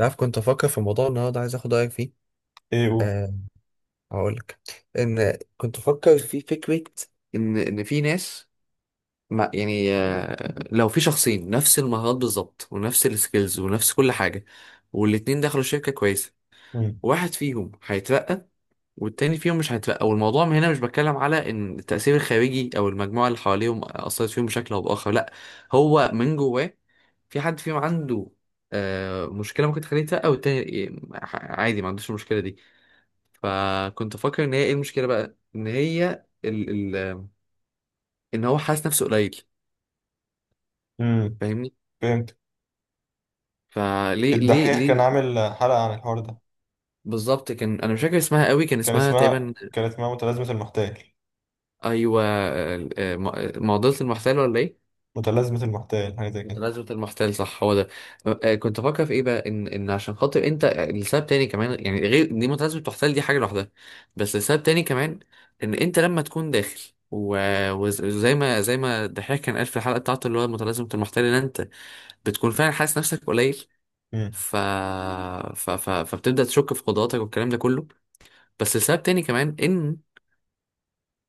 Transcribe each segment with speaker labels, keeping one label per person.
Speaker 1: عارف، كنت افكر في موضوع النهارده، عايز اخد رايك فيه.
Speaker 2: ايه، قول.
Speaker 1: هقولك. ان كنت افكر في فكره، ان في ناس، ما يعني. لو في شخصين نفس المهارات بالظبط ونفس السكيلز ونفس كل حاجه، والاتنين دخلوا شركه كويسه،
Speaker 2: مم.
Speaker 1: واحد فيهم هيترقى والتاني فيهم مش هيترقى. والموضوع من هنا، مش بتكلم على ان التاثير الخارجي او المجموعه اللي حواليهم اثرت فيهم بشكل او باخر. لا، هو من جواه. في حد فيهم عنده مشكله ممكن تخليه يترقى، والتاني عادي ما عندوش المشكله دي. فكنت فاكر ان هي ايه المشكله بقى، ان هي ال ال ان هو حاسس نفسه قليل.
Speaker 2: مم.
Speaker 1: فاهمني؟
Speaker 2: فهمت.
Speaker 1: فليه ليه
Speaker 2: الدحيح كان
Speaker 1: ليه
Speaker 2: عامل حلقة عن الحوار ده،
Speaker 1: بالظبط، كان انا مش فاكر اسمها قوي، كان
Speaker 2: كان
Speaker 1: اسمها
Speaker 2: اسمها
Speaker 1: تقريبا...
Speaker 2: كان اسمها متلازمة المحتال.
Speaker 1: ايوه، معضله المحتال ولا ايه؟
Speaker 2: متلازمة المحتال حاجة زي كده.
Speaker 1: متنازلة المحتال، صح، هو ده. كنت بفكر في ايه بقى، ان عشان خاطر انت لسبب تاني كمان، يعني غير دي. متنازلة المحتال دي حاجة لوحدها، بس لسبب تاني كمان، ان انت لما تكون داخل، و- وز- وزي ما زي ما الدحيح كان قال في الحلقة بتاعته، اللي هو متلازمة المحتال، ان انت بتكون فعلا حاسس نفسك قليل.
Speaker 2: مم.
Speaker 1: ف... فبتبدأ تشك في قدراتك والكلام ده كله. بس لسبب تاني كمان، ان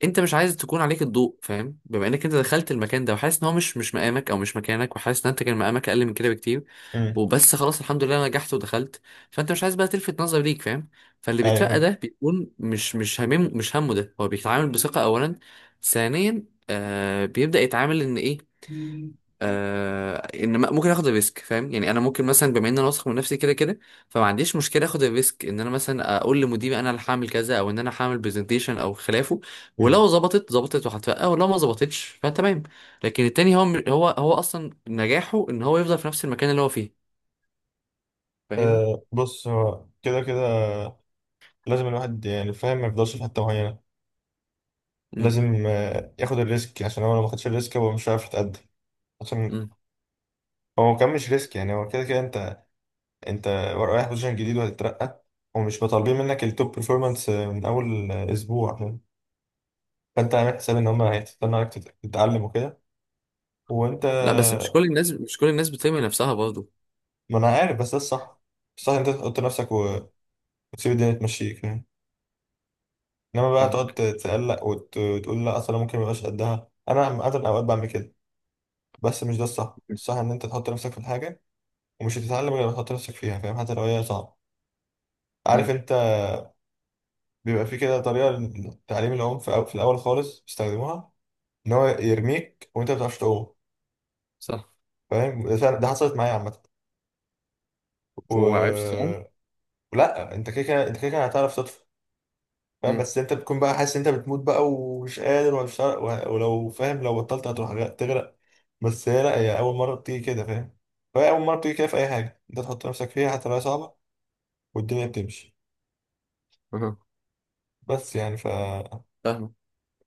Speaker 1: انت مش عايز تكون عليك الضوء، فاهم؟ بما انك انت دخلت المكان ده وحاسس ان هو مش مقامك او مش مكانك، وحاسس ان انت كان مقامك اقل من كده بكتير،
Speaker 2: مم.
Speaker 1: وبس خلاص الحمد لله انا نجحت ودخلت. فانت مش عايز بقى تلفت نظر ليك، فاهم؟ فاللي
Speaker 2: ايوه،
Speaker 1: بيترقى
Speaker 2: فاهم.
Speaker 1: ده بيكون مش مش همم مش همه. ده هو بيتعامل بثقة اولا، ثانيا بيبدأ يتعامل ان ايه،
Speaker 2: مم.
Speaker 1: ممكن اخد الريسك، فاهم؟ يعني انا ممكن مثلا، بما ان انا واثق من نفسي كده كده، فما عنديش مشكله اخد الريسك، ان انا مثلا اقول لمديري انا اللي هعمل كذا، او ان انا هعمل برزنتيشن او خلافه.
Speaker 2: مم.
Speaker 1: ولو ظبطت ظبطت وهترقى، ولو ما ظبطتش فتمام. لكن التاني، هو هو اصلا نجاحه ان هو يفضل في نفس المكان اللي هو فيه، فاهمني؟
Speaker 2: آه، بص، هو كده كده لازم الواحد، يعني، فاهم، ما يفضلش في حتة معينة.
Speaker 1: امم.
Speaker 2: لازم ياخد الريسك، عشان هو لو ما خدش الريسك هو مش عارف يتقدم. عشان
Speaker 1: امم.
Speaker 2: هو كان مش ريسك، يعني هو كده كده انت رايح بوزيشن جديد وهتترقى، ومش مطالبين منك التوب بيرفورمانس من اول اسبوع. فانت عامل حساب ان هم هيستنوا عليك تتعلم وكده، وانت
Speaker 1: لا بس مش كل الناس بترمي نفسها برضه.
Speaker 2: ما انا عارف، بس ده الصح. الصح إن انت تحط نفسك
Speaker 1: مم.
Speaker 2: وتسيب الدنيا تمشيك، يعني. انما بقى تقعد
Speaker 1: فاهمك.
Speaker 2: تتقلق وتقول لا اصلا ممكن ميبقاش قدها. انا اغلب اوقات بعمل كده. بس مش ده الصح. الصح ان انت تحط نفسك في الحاجه، ومش هتتعلم غير لما تحط نفسك فيها، فاهم؟ حتى لو هي صعبه. عارف
Speaker 1: امم.
Speaker 2: انت، بيبقى في كده طريقه لتعليم العوم في في الاول خالص بيستخدموها، ان هو يرميك وانت ما بتعرفش تعوم.
Speaker 1: صح.
Speaker 2: فاهم؟ ده حصلت معايا عامه. و...
Speaker 1: وعرفت. صح.
Speaker 2: لا، انت كده كده هتعرف تطفو. فاهم؟
Speaker 1: امم.
Speaker 2: بس انت بتكون بقى حاسس ان انت بتموت بقى ومش قادر ومش ولو، فاهم، لو بطلت هتروح تغرق. بس هي، لا، هي اول مره بتيجي كده، فاهم؟ فهي اول مره بتيجي كده في اي حاجه انت تحط نفسك فيها، حتى لو هي صعبه، والدنيا بتمشي.
Speaker 1: أها.
Speaker 2: بس يعني،
Speaker 1: فاهمك.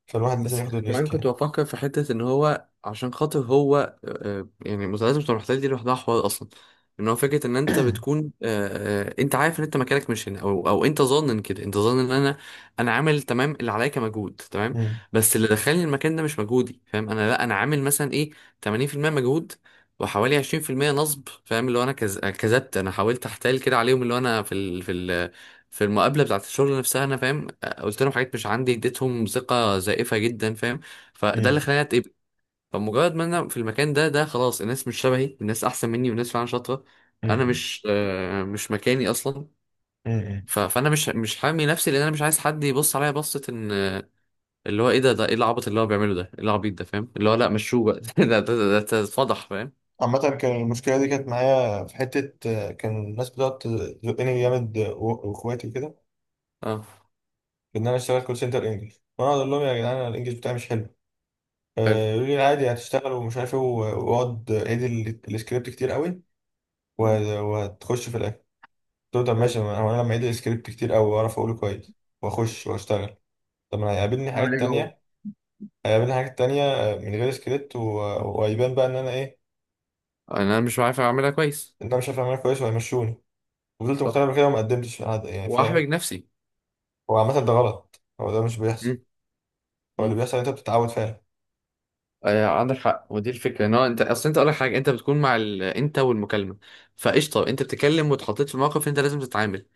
Speaker 2: فالواحد لازم
Speaker 1: بس
Speaker 2: ياخد
Speaker 1: كمان
Speaker 2: الريسك،
Speaker 1: كنت
Speaker 2: يعني.
Speaker 1: بفكر في حتة، إن هو عشان خاطر هو، يعني المسلسلات بتوع المحتل دي لوحدها حوار أصلا. إن هو فكرة إن أنت بتكون، أنت عارف إن أنت مكانك مش هنا، أو أنت ظانن كده، أنت ظانن إن أنا عامل تمام اللي عليا كمجهود تمام.
Speaker 2: مم.
Speaker 1: بس اللي دخلني المكان ده مش مجهودي، فاهم؟ أنا لأ، أنا عامل مثلا إيه، 80% مجهود وحوالي 20% نصب، فاهم؟ اللي هو أنا كذبت، أنا حاولت أحتال كده عليهم، اللي هو أنا في المقابلة بتاعت الشغل نفسها. أنا فاهم؟ قلت لهم حاجات مش عندي، اديتهم ثقة زائفة جدا، فاهم؟ فده اللي
Speaker 2: مم.
Speaker 1: خلاني اتقبل. فمجرد ما انا في المكان ده، خلاص، الناس مش شبهي، الناس احسن مني، والناس فعلا شاطرة. انا
Speaker 2: مم.
Speaker 1: مش، مكاني اصلا.
Speaker 2: مم.
Speaker 1: فانا مش حامي نفسي، لان انا مش عايز حد يبص عليا بصة ان، اللي هو ايه ده، ايه العبط اللي هو بيعمله ده، ايه العبيط ده، فاهم؟ اللي هو لا، مشوه بقى ده اتفضح، فاهم؟
Speaker 2: عامة كان المشكلة دي كانت معايا في حتة، كان الناس بتقعد تزقني جامد، واخواتي كده،
Speaker 1: اه.
Speaker 2: في ان انا اشتغل كول سنتر انجلش، وانا اقول لهم يا جدعان أنا الانجلش بتاعي مش حلو.
Speaker 1: حلو.
Speaker 2: يقول لي عادي هتشتغل ومش عارف ايه، واقعد اعيد السكريبت كتير قوي، و-
Speaker 1: مم.
Speaker 2: وهتخش في الاخر. قلت له طب
Speaker 1: حلو.
Speaker 2: ماشي، ما هو انا لما اعيد السكريبت كتير قوي واعرف اقوله كويس واخش واشتغل. طب ما هيقابلني
Speaker 1: اعمل
Speaker 2: حاجات
Speaker 1: ايه جوه؟
Speaker 2: تانية، هيقابلني حاجات تانية من غير سكريبت، وهيبان بقى ان انا ايه؟
Speaker 1: انا مش عارف اعملها كويس.
Speaker 2: ان انا مش عارف اعملها كويس، وهيمشوني. وفضلت مقتنع
Speaker 1: صح.
Speaker 2: بكده وما قدمتش على حد، يعني،
Speaker 1: واحرج
Speaker 2: فاهم؟
Speaker 1: نفسي.
Speaker 2: هو عامة ده غلط، هو ده مش بيحصل.
Speaker 1: مم.
Speaker 2: هو اللي
Speaker 1: مم.
Speaker 2: بيحصل إن انت بتتعود فعلا.
Speaker 1: عندك حق. ودي الفكره، ان هو انت، اصل انت اقول لك حاجه، انت بتكون مع انت والمكالمه، فقشطه. انت بتتكلم واتحطيت في موقف، انت لازم تتعامل.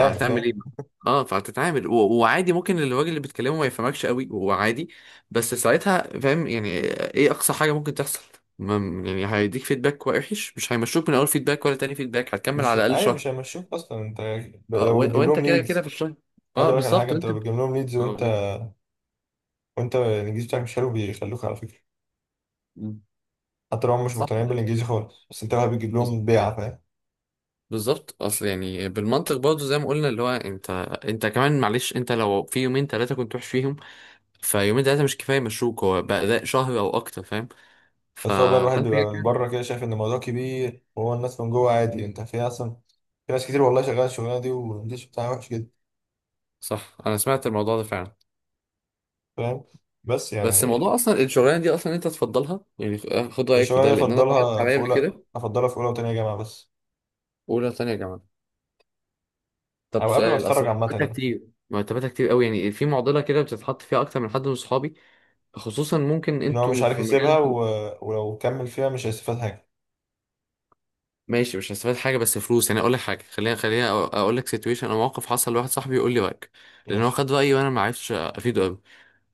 Speaker 1: صح،
Speaker 2: فاهم؟
Speaker 1: فهتعمل ايه بقى؟ اه، فهتتعامل وعادي، ممكن الراجل اللي بيتكلمه ما يفهمكش قوي، وعادي. بس ساعتها فاهم يعني، ايه اقصى حاجه ممكن تحصل؟ ما... يعني هيديك فيدباك وحش؟ مش هيمشوك من اول فيدباك ولا تاني فيدباك، هتكمل على
Speaker 2: مش،
Speaker 1: الاقل
Speaker 2: ايوه،
Speaker 1: شهر.
Speaker 2: مش هيمشوك اصلا انت لو بتجيب
Speaker 1: وانت
Speaker 2: لهم
Speaker 1: كده كده في
Speaker 2: ليدز.
Speaker 1: الشهر.
Speaker 2: عايز
Speaker 1: اه،
Speaker 2: اقول لك على حاجه،
Speaker 1: بالظبط.
Speaker 2: انت
Speaker 1: وانت
Speaker 2: لو بتجيب لهم ليدز وانت
Speaker 1: اه.
Speaker 2: وانت الانجليزي بتاعك مش حلو بيخلوك على فكره. حتى لو هم مش
Speaker 1: صح،
Speaker 2: مقتنعين بالانجليزي خالص، بس انت بقى بتجيب لهم بيعه، فاهم؟
Speaker 1: بالظبط. اصل يعني بالمنطق برضه زي ما قلنا، اللي هو انت كمان معلش، انت لو في يومين ثلاثه كنت وحش فيهم، فيومين ثلاثه مش كفايه مشروك. هو بقى ده شهر او اكتر، فاهم؟ ف...
Speaker 2: بس هو بقى الواحد
Speaker 1: فانت
Speaker 2: بيبقى
Speaker 1: كده
Speaker 2: من
Speaker 1: كده.
Speaker 2: بره كده شايف ان الموضوع كبير، وهو الناس من جوه عادي، انت في اصلا في ناس كتير، والله، شغاله الشغلانه دي والانجليزي بتاعها وحش جدا،
Speaker 1: صح، انا سمعت الموضوع ده فعلا.
Speaker 2: فاهم؟ بس
Speaker 1: بس الموضوع
Speaker 2: يعني،
Speaker 1: اصلا، الشغلانه دي اصلا انت تفضلها يعني، خد رايك في
Speaker 2: الشغلانه
Speaker 1: ده،
Speaker 2: دي
Speaker 1: لان انا اتعرضت عليا قبل كده.
Speaker 2: افضلها في اولى وتانية جامعه بس،
Speaker 1: اولى ثانيه يا جماعه. طب
Speaker 2: او قبل ما
Speaker 1: سؤال،
Speaker 2: اتخرج
Speaker 1: اصلا
Speaker 2: عامه
Speaker 1: مرتباتها
Speaker 2: يعني.
Speaker 1: كتير؟ مرتباتها كتير قوي يعني، في معضله كده بتتحط فيها اكتر من حد من صحابي. خصوصا ممكن
Speaker 2: ان هو مش
Speaker 1: انتوا
Speaker 2: عارف
Speaker 1: في
Speaker 2: يسيبها،
Speaker 1: مجال.
Speaker 2: ولو كمل فيها مش هيستفاد حاجه.
Speaker 1: ماشي مش هستفاد حاجه بس فلوس، يعني اقول لك حاجه، خليها اقول لك سيتويشن او موقف حصل لواحد صاحبي، يقول لي رايك. لان هو
Speaker 2: ماشي.
Speaker 1: خد رايي وانا ما عرفتش افيده قوي.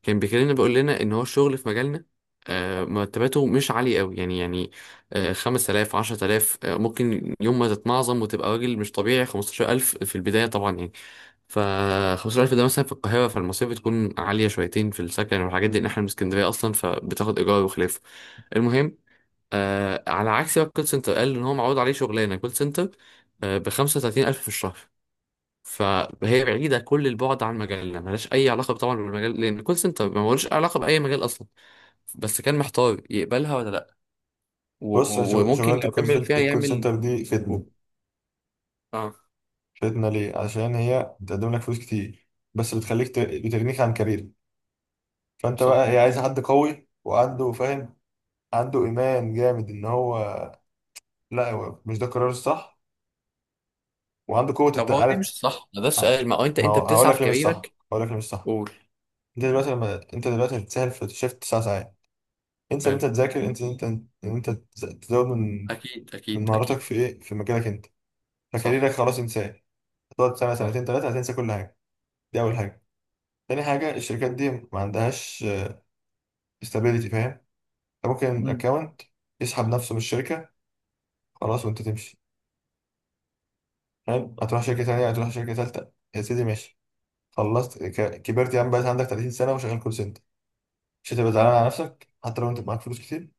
Speaker 1: كان بيكلمنا، بيقول لنا ان هو الشغل في مجالنا، مرتباته مش عاليه قوي، يعني، 5000، 10000، ممكن يوم ما تتنعظم وتبقى راجل مش طبيعي 15000، في البدايه طبعا يعني. ف 15000 ده مثلا في القاهره، فالمصاريف بتكون عاليه شويتين في السكن والحاجات دي، ان احنا من اسكندريه اصلا، فبتاخد ايجار وخلافه. المهم، على عكس بقى الكول سنتر، قال ان هو معروض عليه شغلانه كول سنتر، ب 35000 في الشهر. فهي بعيده كل البعد عن مجالنا، ملهاش اي علاقه طبعا بالمجال، لان الكول سنتر ما ملوش علاقه باي مجال اصلا. بس كان محتار يقبلها ولا لا،
Speaker 2: بص يا
Speaker 1: وممكن
Speaker 2: شغلانه،
Speaker 1: لو
Speaker 2: الكول
Speaker 1: كمل فيها
Speaker 2: الكول
Speaker 1: يعمل.
Speaker 2: سنتر دي فتنه.
Speaker 1: اه،
Speaker 2: شدنا ليه عشان هي بتقدم لك فلوس كتير، بس بتخليك بتغنيك عن كارير. فانت بقى،
Speaker 1: صح.
Speaker 2: هي عايزه حد قوي وعنده، فاهم، عنده ايمان جامد ان هو، لا، هو مش ده القرار الصح، وعنده قوه
Speaker 1: طب هو دي
Speaker 2: عارف.
Speaker 1: مش صح؟ ما ده السؤال، ما هو انت
Speaker 2: ما
Speaker 1: انت
Speaker 2: هو هقول
Speaker 1: بتسعى
Speaker 2: لك
Speaker 1: في
Speaker 2: ليه مش صح،
Speaker 1: كاريرك.
Speaker 2: هقول لك ليه مش صح.
Speaker 1: قول.
Speaker 2: انت دلوقتي لما انت دلوقتي بتسهل في شيفت تسع ساعات. انسى ان
Speaker 1: حلو.
Speaker 2: انت تذاكر، انسى ان انت تزود من
Speaker 1: اكيد، اكيد،
Speaker 2: مهاراتك
Speaker 1: اكيد.
Speaker 2: في ايه، في مجالك انت. فكاريرك
Speaker 1: صح،
Speaker 2: خلاص، انساه. هتقعد سنه سنتين
Speaker 1: صح.
Speaker 2: ثلاثه هتنسى كل حاجه. دي اول حاجه. تاني حاجة، الشركات دي ما عندهاش استابيليتي، فاهم؟ انت ممكن اكونت يسحب نفسه من الشركه، خلاص وانت تمشي. حلو، هتروح شركه تانيه، هتروح شركه تالته، يا سيدي، ماشي، خلصت، كبرت يا عم، بقيت عندك 30 سنه وشغال كول سنتر. مش هتبقى زعلان على نفسك حتى لو انت معاك فلوس كتير؟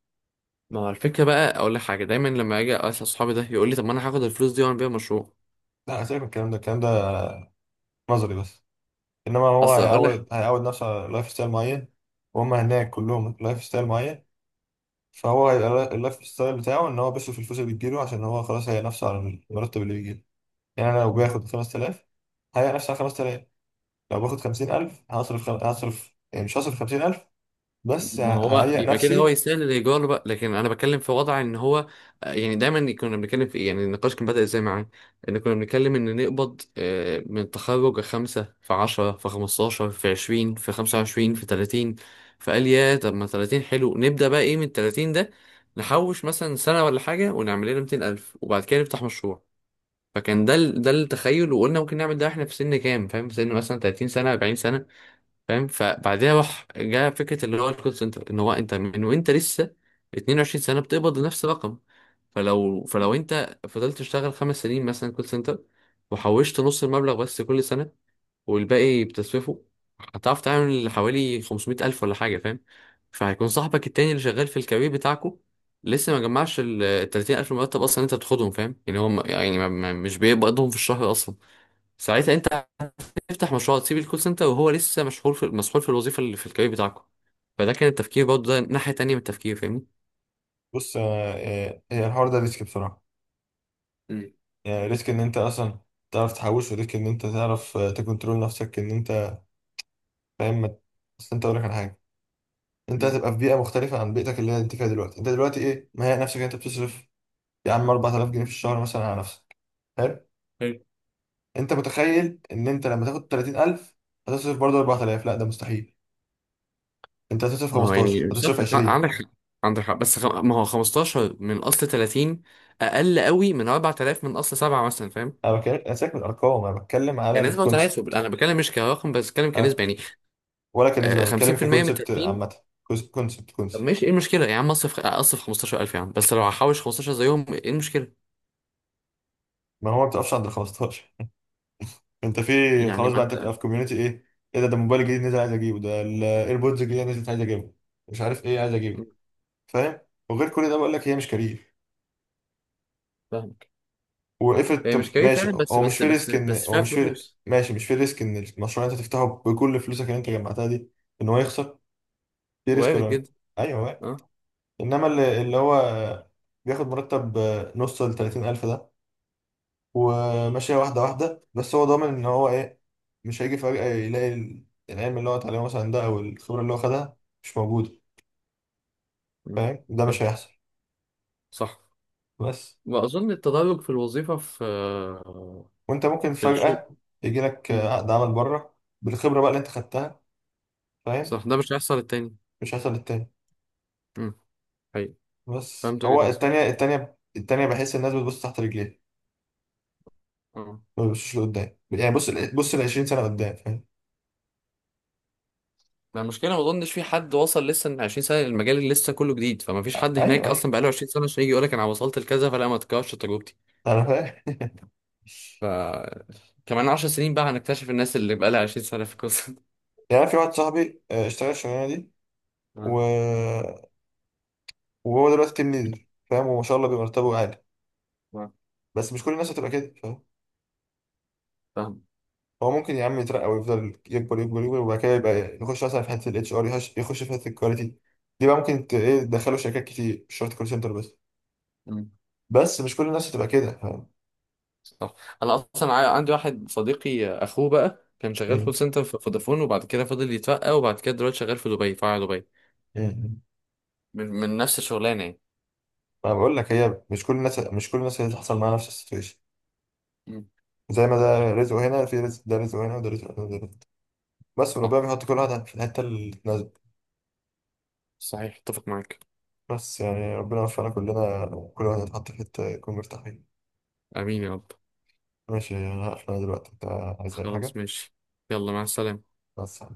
Speaker 1: ما هو الفكرة بقى، أقول لك حاجة، دايما لما أجي أسأل صحابي ده، يقول لي طب ما أنا هاخد الفلوس دي وأعمل بيها مشروع.
Speaker 2: لا، سيبك من الكلام ده. الكلام ده نظري بس. انما هو
Speaker 1: أصل أقول لك.
Speaker 2: هيعود نفسه على لايف ستايل معين. وهم هناك كلهم لايف ستايل معين. فهو هيبقى اللايف ستايل بتاعه ان هو بيصرف الفلوس اللي بتجيله، عشان هو خلاص هيأ نفسه على المرتب اللي بيجيله. يعني انا لو باخد 5000، هيأ نفسه على 5000. لو باخد خمسين ألف، هصرف يعني، مش هصرف خمسين ألف، بس
Speaker 1: ما هو
Speaker 2: ههيئ
Speaker 1: يبقى كده هو
Speaker 2: نفسي.
Speaker 1: يستاهل الإيجار بقى، لكن أنا بتكلم في وضع إن هو، يعني دايما كنا بنتكلم في إيه، يعني النقاش كان بدأ إزاي معاه، إن كنا بنتكلم إن نقبض، من التخرج، 5 في 10 في 15 في 20 في 25 في 30. فقال: يا طب ما 30 حلو، نبدأ بقى إيه من التلاتين ده، نحوش مثلا سنة ولا حاجة ونعمل لنا 200,000 وبعد كده نفتح مشروع. فكان ده ده التخيل. وقلنا ممكن نعمل ده احنا في سن كام فاهم، في سن مثلا 30 سنه 40 سنه، فاهم؟ فبعدها راح جاء فكره اللي هو الكول سنتر، ان هو انت من وانت لسه 22 سنه بتقبض نفس الرقم. فلو انت فضلت تشتغل خمس سنين مثلا كول سنتر، وحوشت نص المبلغ بس كل سنه والباقي بتسويفه، هتعرف تعمل حوالي 500 ألف ولا حاجة، فاهم؟ فهيكون صاحبك التاني اللي شغال في الكارير بتاعكو لسه ما جمعش ال 30 ألف مرتب، أصلا أنت بتاخدهم فاهم يعني، هو مش بيقبضهم في الشهر أصلا. ساعتها أنت هتفتح مشروع تسيب الكول سنتر، وهو لسه مشغول في مسحول في الوظيفة اللي في الكارير بتاعكو. فده كان التفكير برضه، ده ناحية تانية من التفكير، فاهمني؟
Speaker 2: بص، هي، الحوار ده ريسك بصراحة.
Speaker 1: مم.
Speaker 2: يعني ريسك إن أنت أصلا تعرف تحوش، وريسك إن أنت تعرف تكنترول نفسك، إن أنت فاهم بس أنت، أقول لك على حاجة، أنت
Speaker 1: مم.
Speaker 2: هتبقى في بيئة مختلفة عن بيئتك اللي أنت فيها دلوقتي. أنت دلوقتي إيه؟ مهيئ نفسك إن أنت بتصرف، يا عم، 4000 جنيه في الشهر مثلا على نفسك، حلو.
Speaker 1: حلو.
Speaker 2: أنت متخيل إن أنت لما تاخد 30,000 هتصرف برضه 4000؟ لا، ده مستحيل. أنت هتصرف
Speaker 1: ما هو
Speaker 2: 15،
Speaker 1: يعني صح،
Speaker 2: هتصرف 20.
Speaker 1: عندك حق. عندك حق، بس ما هو 15 من اصل 30 اقل قوي من 4000 من اصل 7 مثلا، فاهم؟
Speaker 2: انا بتكلم، انا ساكت من الارقام، انا بتكلم على
Speaker 1: كنسبة وتناسب،
Speaker 2: الكونسبت.
Speaker 1: انا بتكلم مش كرقم بس، بتكلم
Speaker 2: انا
Speaker 1: كنسبة يعني.
Speaker 2: ولا كنسبه، انا بتكلم
Speaker 1: 50% من
Speaker 2: ككونسبت
Speaker 1: 30.
Speaker 2: عامه. كونسبت
Speaker 1: طب
Speaker 2: كونسبت.
Speaker 1: ماشي، ايه المشكلة يا عم؟ اصرف اصرف 15000 يا عم، بس لو هحوش 15 زيهم، ايه المشكلة؟
Speaker 2: ما هو ما بتقفش عند ال 15. انت، في
Speaker 1: يعني
Speaker 2: خلاص
Speaker 1: ما
Speaker 2: بقى، انت
Speaker 1: انت
Speaker 2: بتبقى في كوميونتي ايه، ايه ده؟ ده موبايل جديد نزل، عايز اجيبه. ده الايربودز الجديده نزلت، عايز اجيبه. مش عارف ايه، عايز اجيبه، فاهم؟ وغير كل ده بقول لك هي مش كارير.
Speaker 1: فاهمك.
Speaker 2: وقفت.
Speaker 1: هي مش
Speaker 2: طب
Speaker 1: كيف
Speaker 2: ماشي،
Speaker 1: فعلا، بس
Speaker 2: هو مش
Speaker 1: بس
Speaker 2: في
Speaker 1: بس
Speaker 2: ريسك ان
Speaker 1: بس
Speaker 2: هو
Speaker 1: فيها
Speaker 2: مش في،
Speaker 1: فلوس.
Speaker 2: ماشي، مش في ريسك ان المشروع اللي انت تفتحه بكل فلوسك اللي انت جمعتها دي ان هو يخسر؟ في ريسك
Speaker 1: وارد
Speaker 2: ولا لا؟
Speaker 1: جدا.
Speaker 2: ايوه.
Speaker 1: اه.
Speaker 2: انما اللي هو بياخد مرتب نص ل 30,000 ده، وماشيه واحده واحده، بس هو ضامن ان هو ايه؟ مش هيجي فجاه يلاقي العلم اللي هو اتعلمه مثلا ده، او الخبره اللي هو خدها، مش موجوده.
Speaker 1: م.
Speaker 2: فاهم؟ ده مش
Speaker 1: فاهم.
Speaker 2: هيحصل.
Speaker 1: صح.
Speaker 2: بس
Speaker 1: واظن التدرج في الوظيفة، في
Speaker 2: وانت ممكن
Speaker 1: في الشغل.
Speaker 2: فجاه يجي لك
Speaker 1: م.
Speaker 2: عقد عمل بره بالخبره بقى اللي انت خدتها، فاهم؟
Speaker 1: صح، ده مش هيحصل التاني.
Speaker 2: مش هيحصل للتاني.
Speaker 1: م. حقيقي.
Speaker 2: بس
Speaker 1: فهمت
Speaker 2: هو،
Speaker 1: وجهة
Speaker 2: التانية
Speaker 1: نظرك.
Speaker 2: التانية التانية، بحس الناس بتبص تحت رجليها.
Speaker 1: اه.
Speaker 2: ما بتبصش لقدام، يعني، بص بص ال 20 سنه قدام، فاهم؟
Speaker 1: ما المشكلة، ما اظنش في حد وصل لسه من 20 سنة للمجال اللي لسه كله جديد، فما فيش حد
Speaker 2: ايوه،
Speaker 1: هناك
Speaker 2: ايوه،
Speaker 1: اصلا بقاله 20 سنة عشان يجي يقول لك انا وصلت لكذا، فلا، ما تكررش تجربتي.
Speaker 2: انا فاهم،
Speaker 1: كمان 10 سنين بقى هنكتشف الناس اللي بقالها 20 سنة في القصة دي.
Speaker 2: يعني. أنا في واحد صاحبي، اشتغل الشغلانه دي،
Speaker 1: آه،
Speaker 2: و... وهو دلوقتي تيم ليدر، فاهم؟ وما شاء الله بيبقى مرتبه عالي.
Speaker 1: آه،
Speaker 2: بس مش كل الناس هتبقى كده، فاهم؟
Speaker 1: فاهم.
Speaker 2: هو ممكن يا عم يترقى ويفضل يكبر يكبر يكبر، وبعد كده يبقى يخش مثلا في حته الاتش ار، يخش في حته الكواليتي. دي بقى ممكن ايه، تدخله شركات كتير، مش شرط كول سنتر بس.
Speaker 1: مم،
Speaker 2: بس مش كل الناس هتبقى كده، فاهم؟
Speaker 1: صح. انا اصلا عندي واحد صديقي، اخوه بقى كان شغال كول
Speaker 2: مم.
Speaker 1: سنتر في فودافون، وبعد كده فضل يترقى، وبعد كده دلوقتي شغال في دبي، في فرع دبي.
Speaker 2: مم.
Speaker 1: من نفس الشغلانة يعني.
Speaker 2: انا بقول لك، هي مش كل الناس، مش كل الناس هتحصل معاها نفس السيتويشن.
Speaker 1: مم،
Speaker 2: زي ما ده رزقه هنا، في رزق ده رزقه هنا، وده رزقه هنا، وده رزقه بس. وربنا
Speaker 1: صح.
Speaker 2: بيحط كل واحد في الحته اللي تناسبه.
Speaker 1: صحيح، اتفق معاك.
Speaker 2: بس يعني، ربنا يوفقنا كلنا، كل واحد يتحط في حتة يكون مرتاح فيها.
Speaker 1: امين يا رب.
Speaker 2: ماشي، أنا هقفل. أنا دلوقتي، أنت عايز أي
Speaker 1: خلاص
Speaker 2: حاجة؟
Speaker 1: ماشي. يلا، مع السلامة.
Speaker 2: بس.